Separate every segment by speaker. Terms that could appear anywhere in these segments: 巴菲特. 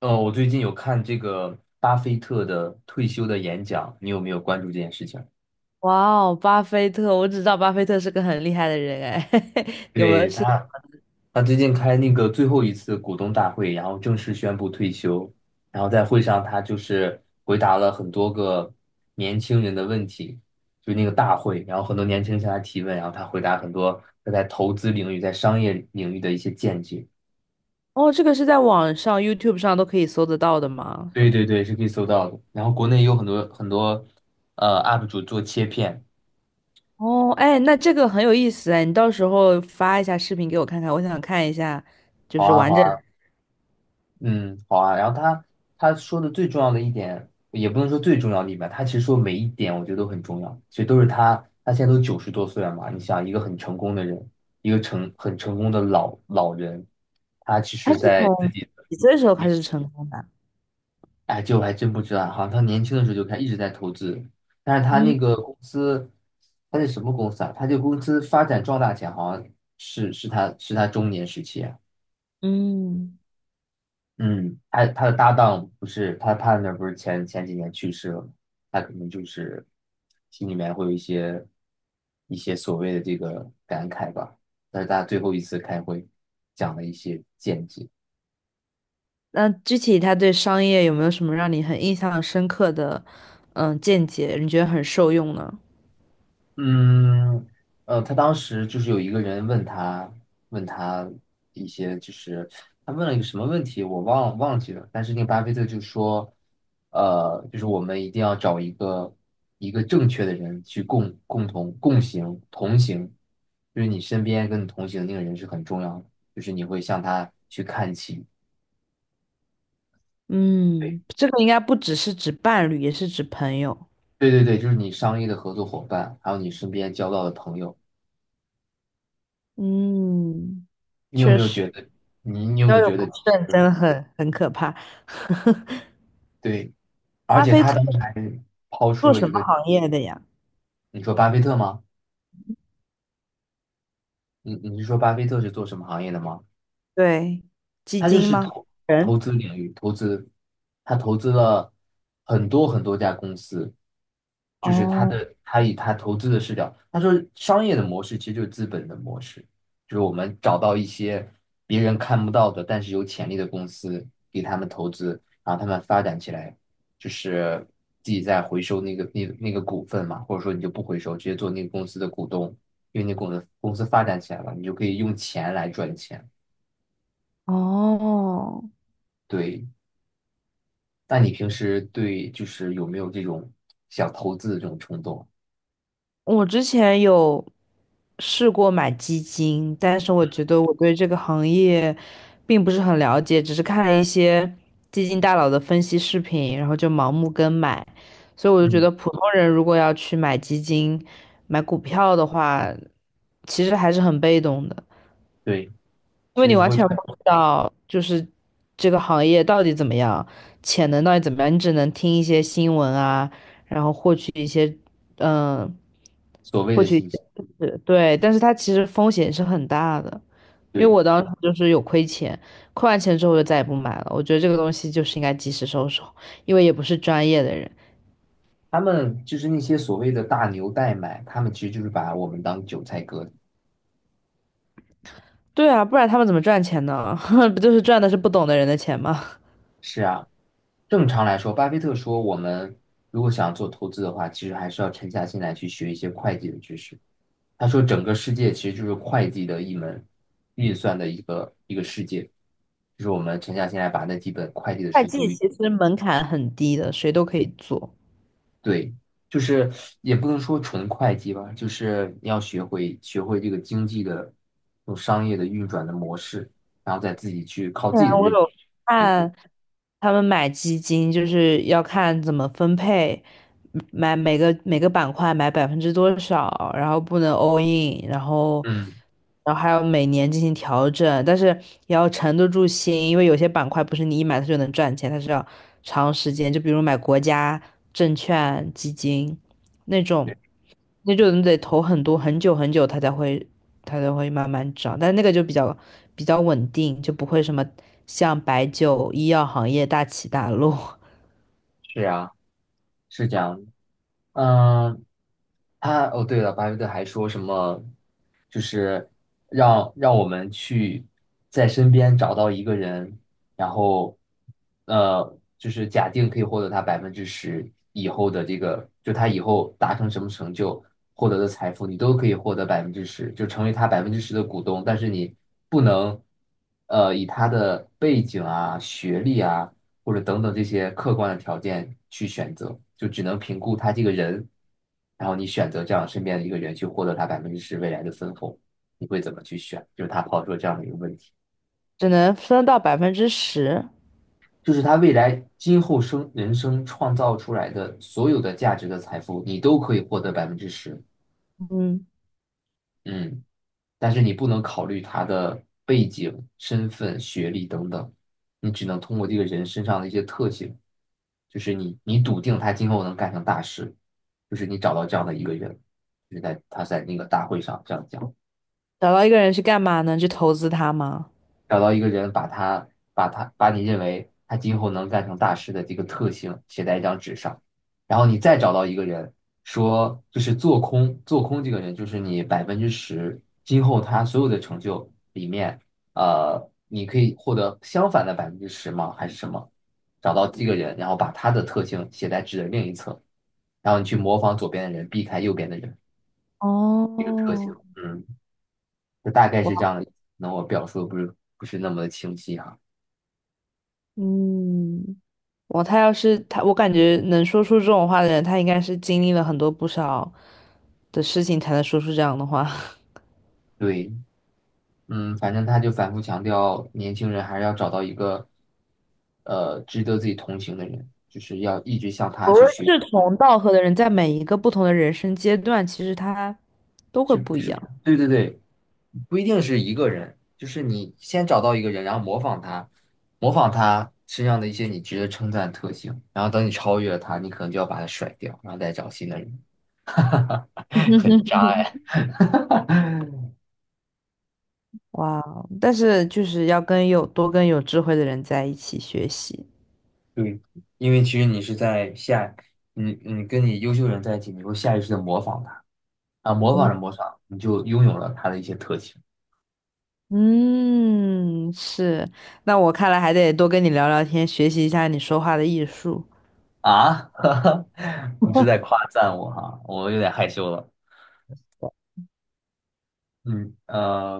Speaker 1: 我最近有看这个巴菲特的退休的演讲，你有没有关注这件事情？
Speaker 2: 哇哦，巴菲特，我只知道巴菲特是个很厉害的人哎，有没有
Speaker 1: 对，
Speaker 2: 是？
Speaker 1: 他最近开那个最后一次股东大会，然后正式宣布退休。然后在会上，他就是回答了很多个年轻人的问题，就那个大会，然后很多年轻人向他提问，然后他回答很多他在投资领域、在商业领域的一些见解。
Speaker 2: 哦，这个是在网上 YouTube 上都可以搜得到的吗？
Speaker 1: 对对对，是可以搜到的。然后国内也有很多很多UP 主做切片。
Speaker 2: 哦，哎，那这个很有意思哎，你到时候发一下视频给我看看，我想看一下，就
Speaker 1: 好
Speaker 2: 是
Speaker 1: 啊，
Speaker 2: 完
Speaker 1: 好
Speaker 2: 整
Speaker 1: 啊，
Speaker 2: 的。
Speaker 1: 嗯，好啊。然后他说的最重要的一点，也不能说最重要的一点吧，他其实说每一点我觉得都很重要，其实都是他他现在都九十多岁了嘛。你想，一个很成功的人，一个成很成功的老人，
Speaker 2: 他是从几岁的时候开
Speaker 1: 你
Speaker 2: 始成功的？
Speaker 1: 哎，这我还真不知道，好像他年轻的时候就开始一直在投资，但是他
Speaker 2: 嗯
Speaker 1: 那个公司，他是什么公司啊？他这个公司发展壮大前，好像是他是他中年时期啊。
Speaker 2: 嗯，
Speaker 1: 嗯，他的搭档不是p a 不是前几年去世了吗？他可能就是心里面会有一些一些所谓的这个感慨吧。但是他最后一次开会讲了一些见解。
Speaker 2: 那具体他对商业有没有什么让你很印象深刻的见解？你觉得很受用呢？
Speaker 1: 嗯，他当时就是有一个人问他，问他一些，就是他问了一个什么问题，我忘记了。但是那个巴菲特就说，就是我们一定要找一个正确的人去共共同共行同行，就是你身边跟你同行的那个人是很重要的，就是你会向他去看齐。
Speaker 2: 嗯，这个应该不只是指伴侣，也是指朋友。
Speaker 1: 对对对对，就是你商业的合作伙伴，还有你身边交到的朋友。
Speaker 2: 嗯，
Speaker 1: 你有
Speaker 2: 确
Speaker 1: 没有
Speaker 2: 实，
Speaker 1: 觉得，你有没
Speaker 2: 交
Speaker 1: 有
Speaker 2: 友
Speaker 1: 觉得，
Speaker 2: 不
Speaker 1: 就
Speaker 2: 慎真
Speaker 1: 是
Speaker 2: 的很可怕。
Speaker 1: 对？而
Speaker 2: 巴
Speaker 1: 且
Speaker 2: 菲
Speaker 1: 他
Speaker 2: 特
Speaker 1: 当时还抛出
Speaker 2: 做
Speaker 1: 了
Speaker 2: 什
Speaker 1: 一
Speaker 2: 么
Speaker 1: 个，
Speaker 2: 行业的呀？
Speaker 1: 你说巴菲特吗？你是说巴菲特是做什么行业的吗？
Speaker 2: 对，基
Speaker 1: 他就
Speaker 2: 金
Speaker 1: 是
Speaker 2: 吗？人？
Speaker 1: 投资领域，投资，他投资了很多很多家公司，就是
Speaker 2: 哦
Speaker 1: 他以他投资的视角，他说商业的模式其实就是资本的模式，就是我们找到一些别人看不到的，但是有潜力的公司，给他们投资，然后他们发展起来，就是自己再回收那那个股份嘛，或者说你就不回收，直接做那个公司的股东，因为公司公司发展起来了，你就可以用钱来赚钱。
Speaker 2: 哦，
Speaker 1: 对，那你平时对就是有没有这种想投资的这种冲动？
Speaker 2: 我之前有试过买基金，但是我觉得我对这个行业并不是很了解，只是看了一些基金大佬的分析视频，然后就盲目跟买，所以我就觉
Speaker 1: 嗯，
Speaker 2: 得普通人如果要去买基金、买股票的话，其实还是很被动的，
Speaker 1: 对，
Speaker 2: 因为
Speaker 1: 其实
Speaker 2: 你
Speaker 1: 是
Speaker 2: 完
Speaker 1: 会
Speaker 2: 全不
Speaker 1: 被
Speaker 2: 知道就是这个行业到底怎么样，潜能到底怎么样，你只能听一些新闻啊，然后获取一些嗯。呃
Speaker 1: 所谓
Speaker 2: 获
Speaker 1: 的
Speaker 2: 取
Speaker 1: 信息，
Speaker 2: 是对，但是它其实风险是很大的，因为
Speaker 1: 对，
Speaker 2: 我当时就是有亏钱，亏完钱之后我就再也不买了。我觉得这个东西就是应该及时收手，因为也不是专业的人。
Speaker 1: 他们就是那些所谓的大牛代买，他们其实就是把我们当韭菜割的。
Speaker 2: 对啊，不然他们怎么赚钱呢？不就是赚的是不懂的人的钱吗？
Speaker 1: 是啊，正常来说，巴菲特说，我们如果想做投资的话，其实还是要沉下心来去学一些会计的知识。他说，整个世界其实就是会计的一门运算的一个世界，就是我们沉下心来把那几本会计的
Speaker 2: 会
Speaker 1: 书
Speaker 2: 计
Speaker 1: 读一，
Speaker 2: 其实门槛很低的，谁都可以做。
Speaker 1: 对，就是也不能说纯会计吧，就是你要学会这个经济的这种商业的运转的模式，然后再自己去靠
Speaker 2: 对
Speaker 1: 自
Speaker 2: 啊，
Speaker 1: 己的
Speaker 2: 我
Speaker 1: 认知
Speaker 2: 有
Speaker 1: 去结果。
Speaker 2: 看，他们买基金就是要看怎么分配，买每个板块买百分之多少，然后不能 all in,然后
Speaker 1: 嗯，
Speaker 2: 然后还要每年进行调整，但是也要沉得住心，因为有些板块不是你一买它就能赚钱，它是要长时间，就比如买国家证券基金那种。那就你得投很多很久很久，它才会慢慢涨，但那个就比较稳定，就不会什么像白酒、医药行业大起大落，
Speaker 1: 是啊，是这样的嗯、哦，对了，巴菲特还说什么，就是让我们去在身边找到一个人，然后就是假定可以获得他百分之十以后的这个，就他以后达成什么成就，获得的财富，你都可以获得百分之十，就成为他百分之十的股东，但是你不能以他的背景啊、学历啊。或者等等这些客观的条件去选择，就只能评估他这个人，然后你选择这样身边的一个人去获得他百分之十未来的分红，你会怎么去选？就是他抛出了这样的一个问题，
Speaker 2: 只能分到10%。
Speaker 1: 就是他未来今后人生创造出来的所有的价值的财富，你都可以获得百分之十。
Speaker 2: 嗯，
Speaker 1: 嗯，但是你不能考虑他的背景、身份、学历等等，你只能通过这个人身上的一些特性，就是你笃定他今后能干成大事，就是你找到这样的一个人，就是在他在那个大会上这样讲。
Speaker 2: 找到一个人去干嘛呢？去投资他吗？
Speaker 1: 找到一个人，把你认为他今后能干成大事的这个特性写在一张纸上，然后你再找到一个人，说就是做空这个人，就是你百分之十今后他所有的成就里面，呃，你可以获得相反的百分之十吗？还是什么？找到这个人，然后把他的特性写在纸的另一侧，然后你去模仿左边的人，避开右边的人这个特性，
Speaker 2: 哦，
Speaker 1: 嗯，就大概
Speaker 2: 哇，
Speaker 1: 是这样的。那我表述的不是那么的清晰哈、
Speaker 2: 嗯，哇，他要是他，我感觉能说出这种话的人，他应该是经历了很多不少的事情才能说出这样的话。
Speaker 1: 对，嗯，反正他就反复强调，年轻人还是要找到一个，呃，值得自己同情的人，就是要一直向他
Speaker 2: 所谓
Speaker 1: 去学，
Speaker 2: 志同道合的人，在每一个不同的人生阶段，其实他都会
Speaker 1: 是
Speaker 2: 不一
Speaker 1: 是，
Speaker 2: 样。
Speaker 1: 对对对，不一定是一个人，就是你先找到一个人，然后模仿他，模仿他身上的一些你值得称赞的特性，然后等你超越了他，你可能就要把他甩掉，然后再找新的人，很渣哎。
Speaker 2: 哇哦，但是就是要跟有多跟有智慧的人在一起学习。
Speaker 1: 对，因为其实你是在下，你跟你优秀人在一起，你会下意识的模仿他。啊，模仿
Speaker 2: 嗯
Speaker 1: 着模仿，你就拥有了它的一些特性
Speaker 2: 嗯，是。那我看来还得多跟你聊聊天，学习一下你说话的艺术。
Speaker 1: 啊！你是在夸赞我哈，我有点害羞了。嗯，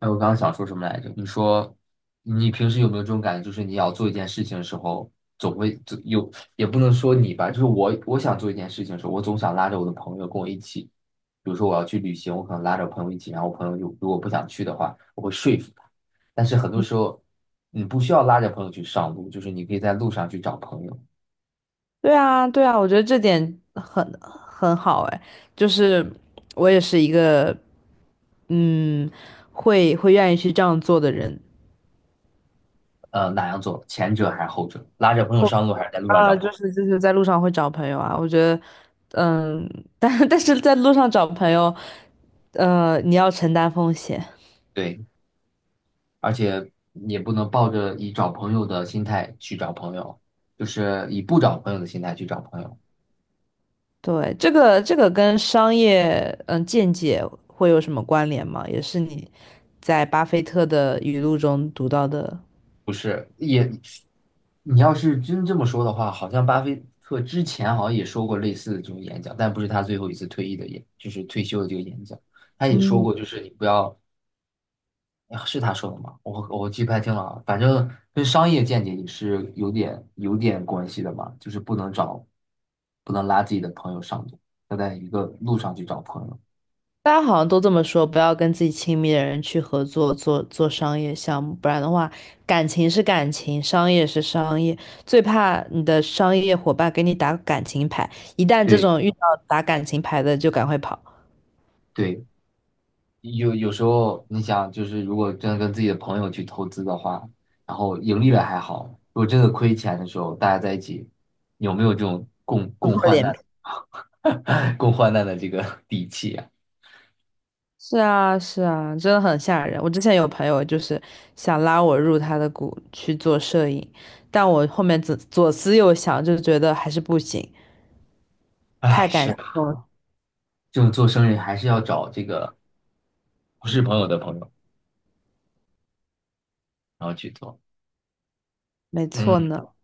Speaker 1: 哎，我刚刚想说什么来着？你说你平时有没有这种感觉，就是你要做一件事情的时候，总有，也不能说你吧，就是我想做一件事情的时候，我总想拉着我的朋友跟我一起。比如说我要去旅行，我可能拉着朋友一起，然后我朋友就如果不想去的话，我会说服他。但是很多时候，你不需要拉着朋友去上路，就是你可以在路上去找朋友。
Speaker 2: 对啊，对啊，我觉得这点很好哎，就是我也是一个嗯，会愿意去这样做的人。
Speaker 1: 哪样做？前者还是后者？拉着朋友上路还是在路上
Speaker 2: 啊，
Speaker 1: 找朋
Speaker 2: 就
Speaker 1: 友？
Speaker 2: 是就是在路上会找朋友啊，我觉得，嗯，但 但是在路上找朋友，你要承担风险。
Speaker 1: 对，而且也不能抱着以找朋友的心态去找朋友，就是以不找朋友的心态去找朋友，
Speaker 2: 对，这个跟商业见解会有什么关联吗？也是你在巴菲特的语录中读到的？
Speaker 1: 不是？也，你要是真这么说的话，好像巴菲特之前好像也说过类似的这种演讲，但不是他最后一次退役的演，就是退休的这个演讲，他也说过，就是你不要啊是他说的吗？我记不太清了啊反正跟商业见解也是有点关系的嘛，就是不能找，不能拉自己的朋友上路，要在一个路上去找朋友。
Speaker 2: 大家好像都这么说，不要跟自己亲密的人去合作做商业项目，不然的话，感情是感情，商业是商业，最怕你的商业伙伴给你打感情牌，一旦这
Speaker 1: 对
Speaker 2: 种遇到打感情牌的，就赶快跑，
Speaker 1: 对，有时候你想，就是如果真的跟自己的朋友去投资的话，然后盈利了还好，如果真的亏钱的时候，大家在一起有没有这种
Speaker 2: 撕
Speaker 1: 共
Speaker 2: 破
Speaker 1: 患
Speaker 2: 脸
Speaker 1: 难、
Speaker 2: 皮。
Speaker 1: 共患难的这个底气啊？
Speaker 2: 是啊，是啊，真的很吓人。我之前有朋友就是想拉我入他的股去做摄影，但我后面左思右想，就觉得还是不行，太
Speaker 1: 哎，
Speaker 2: 感
Speaker 1: 是啊，
Speaker 2: 动了。
Speaker 1: 这种做生意还是要找这个不是朋友的朋友，然后去做。
Speaker 2: 没错
Speaker 1: 嗯
Speaker 2: 呢。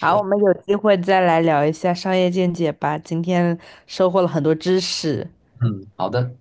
Speaker 2: 好，我们有机会再来聊一下商业见解吧。今天收获了很多知识。
Speaker 1: 嗯，好的，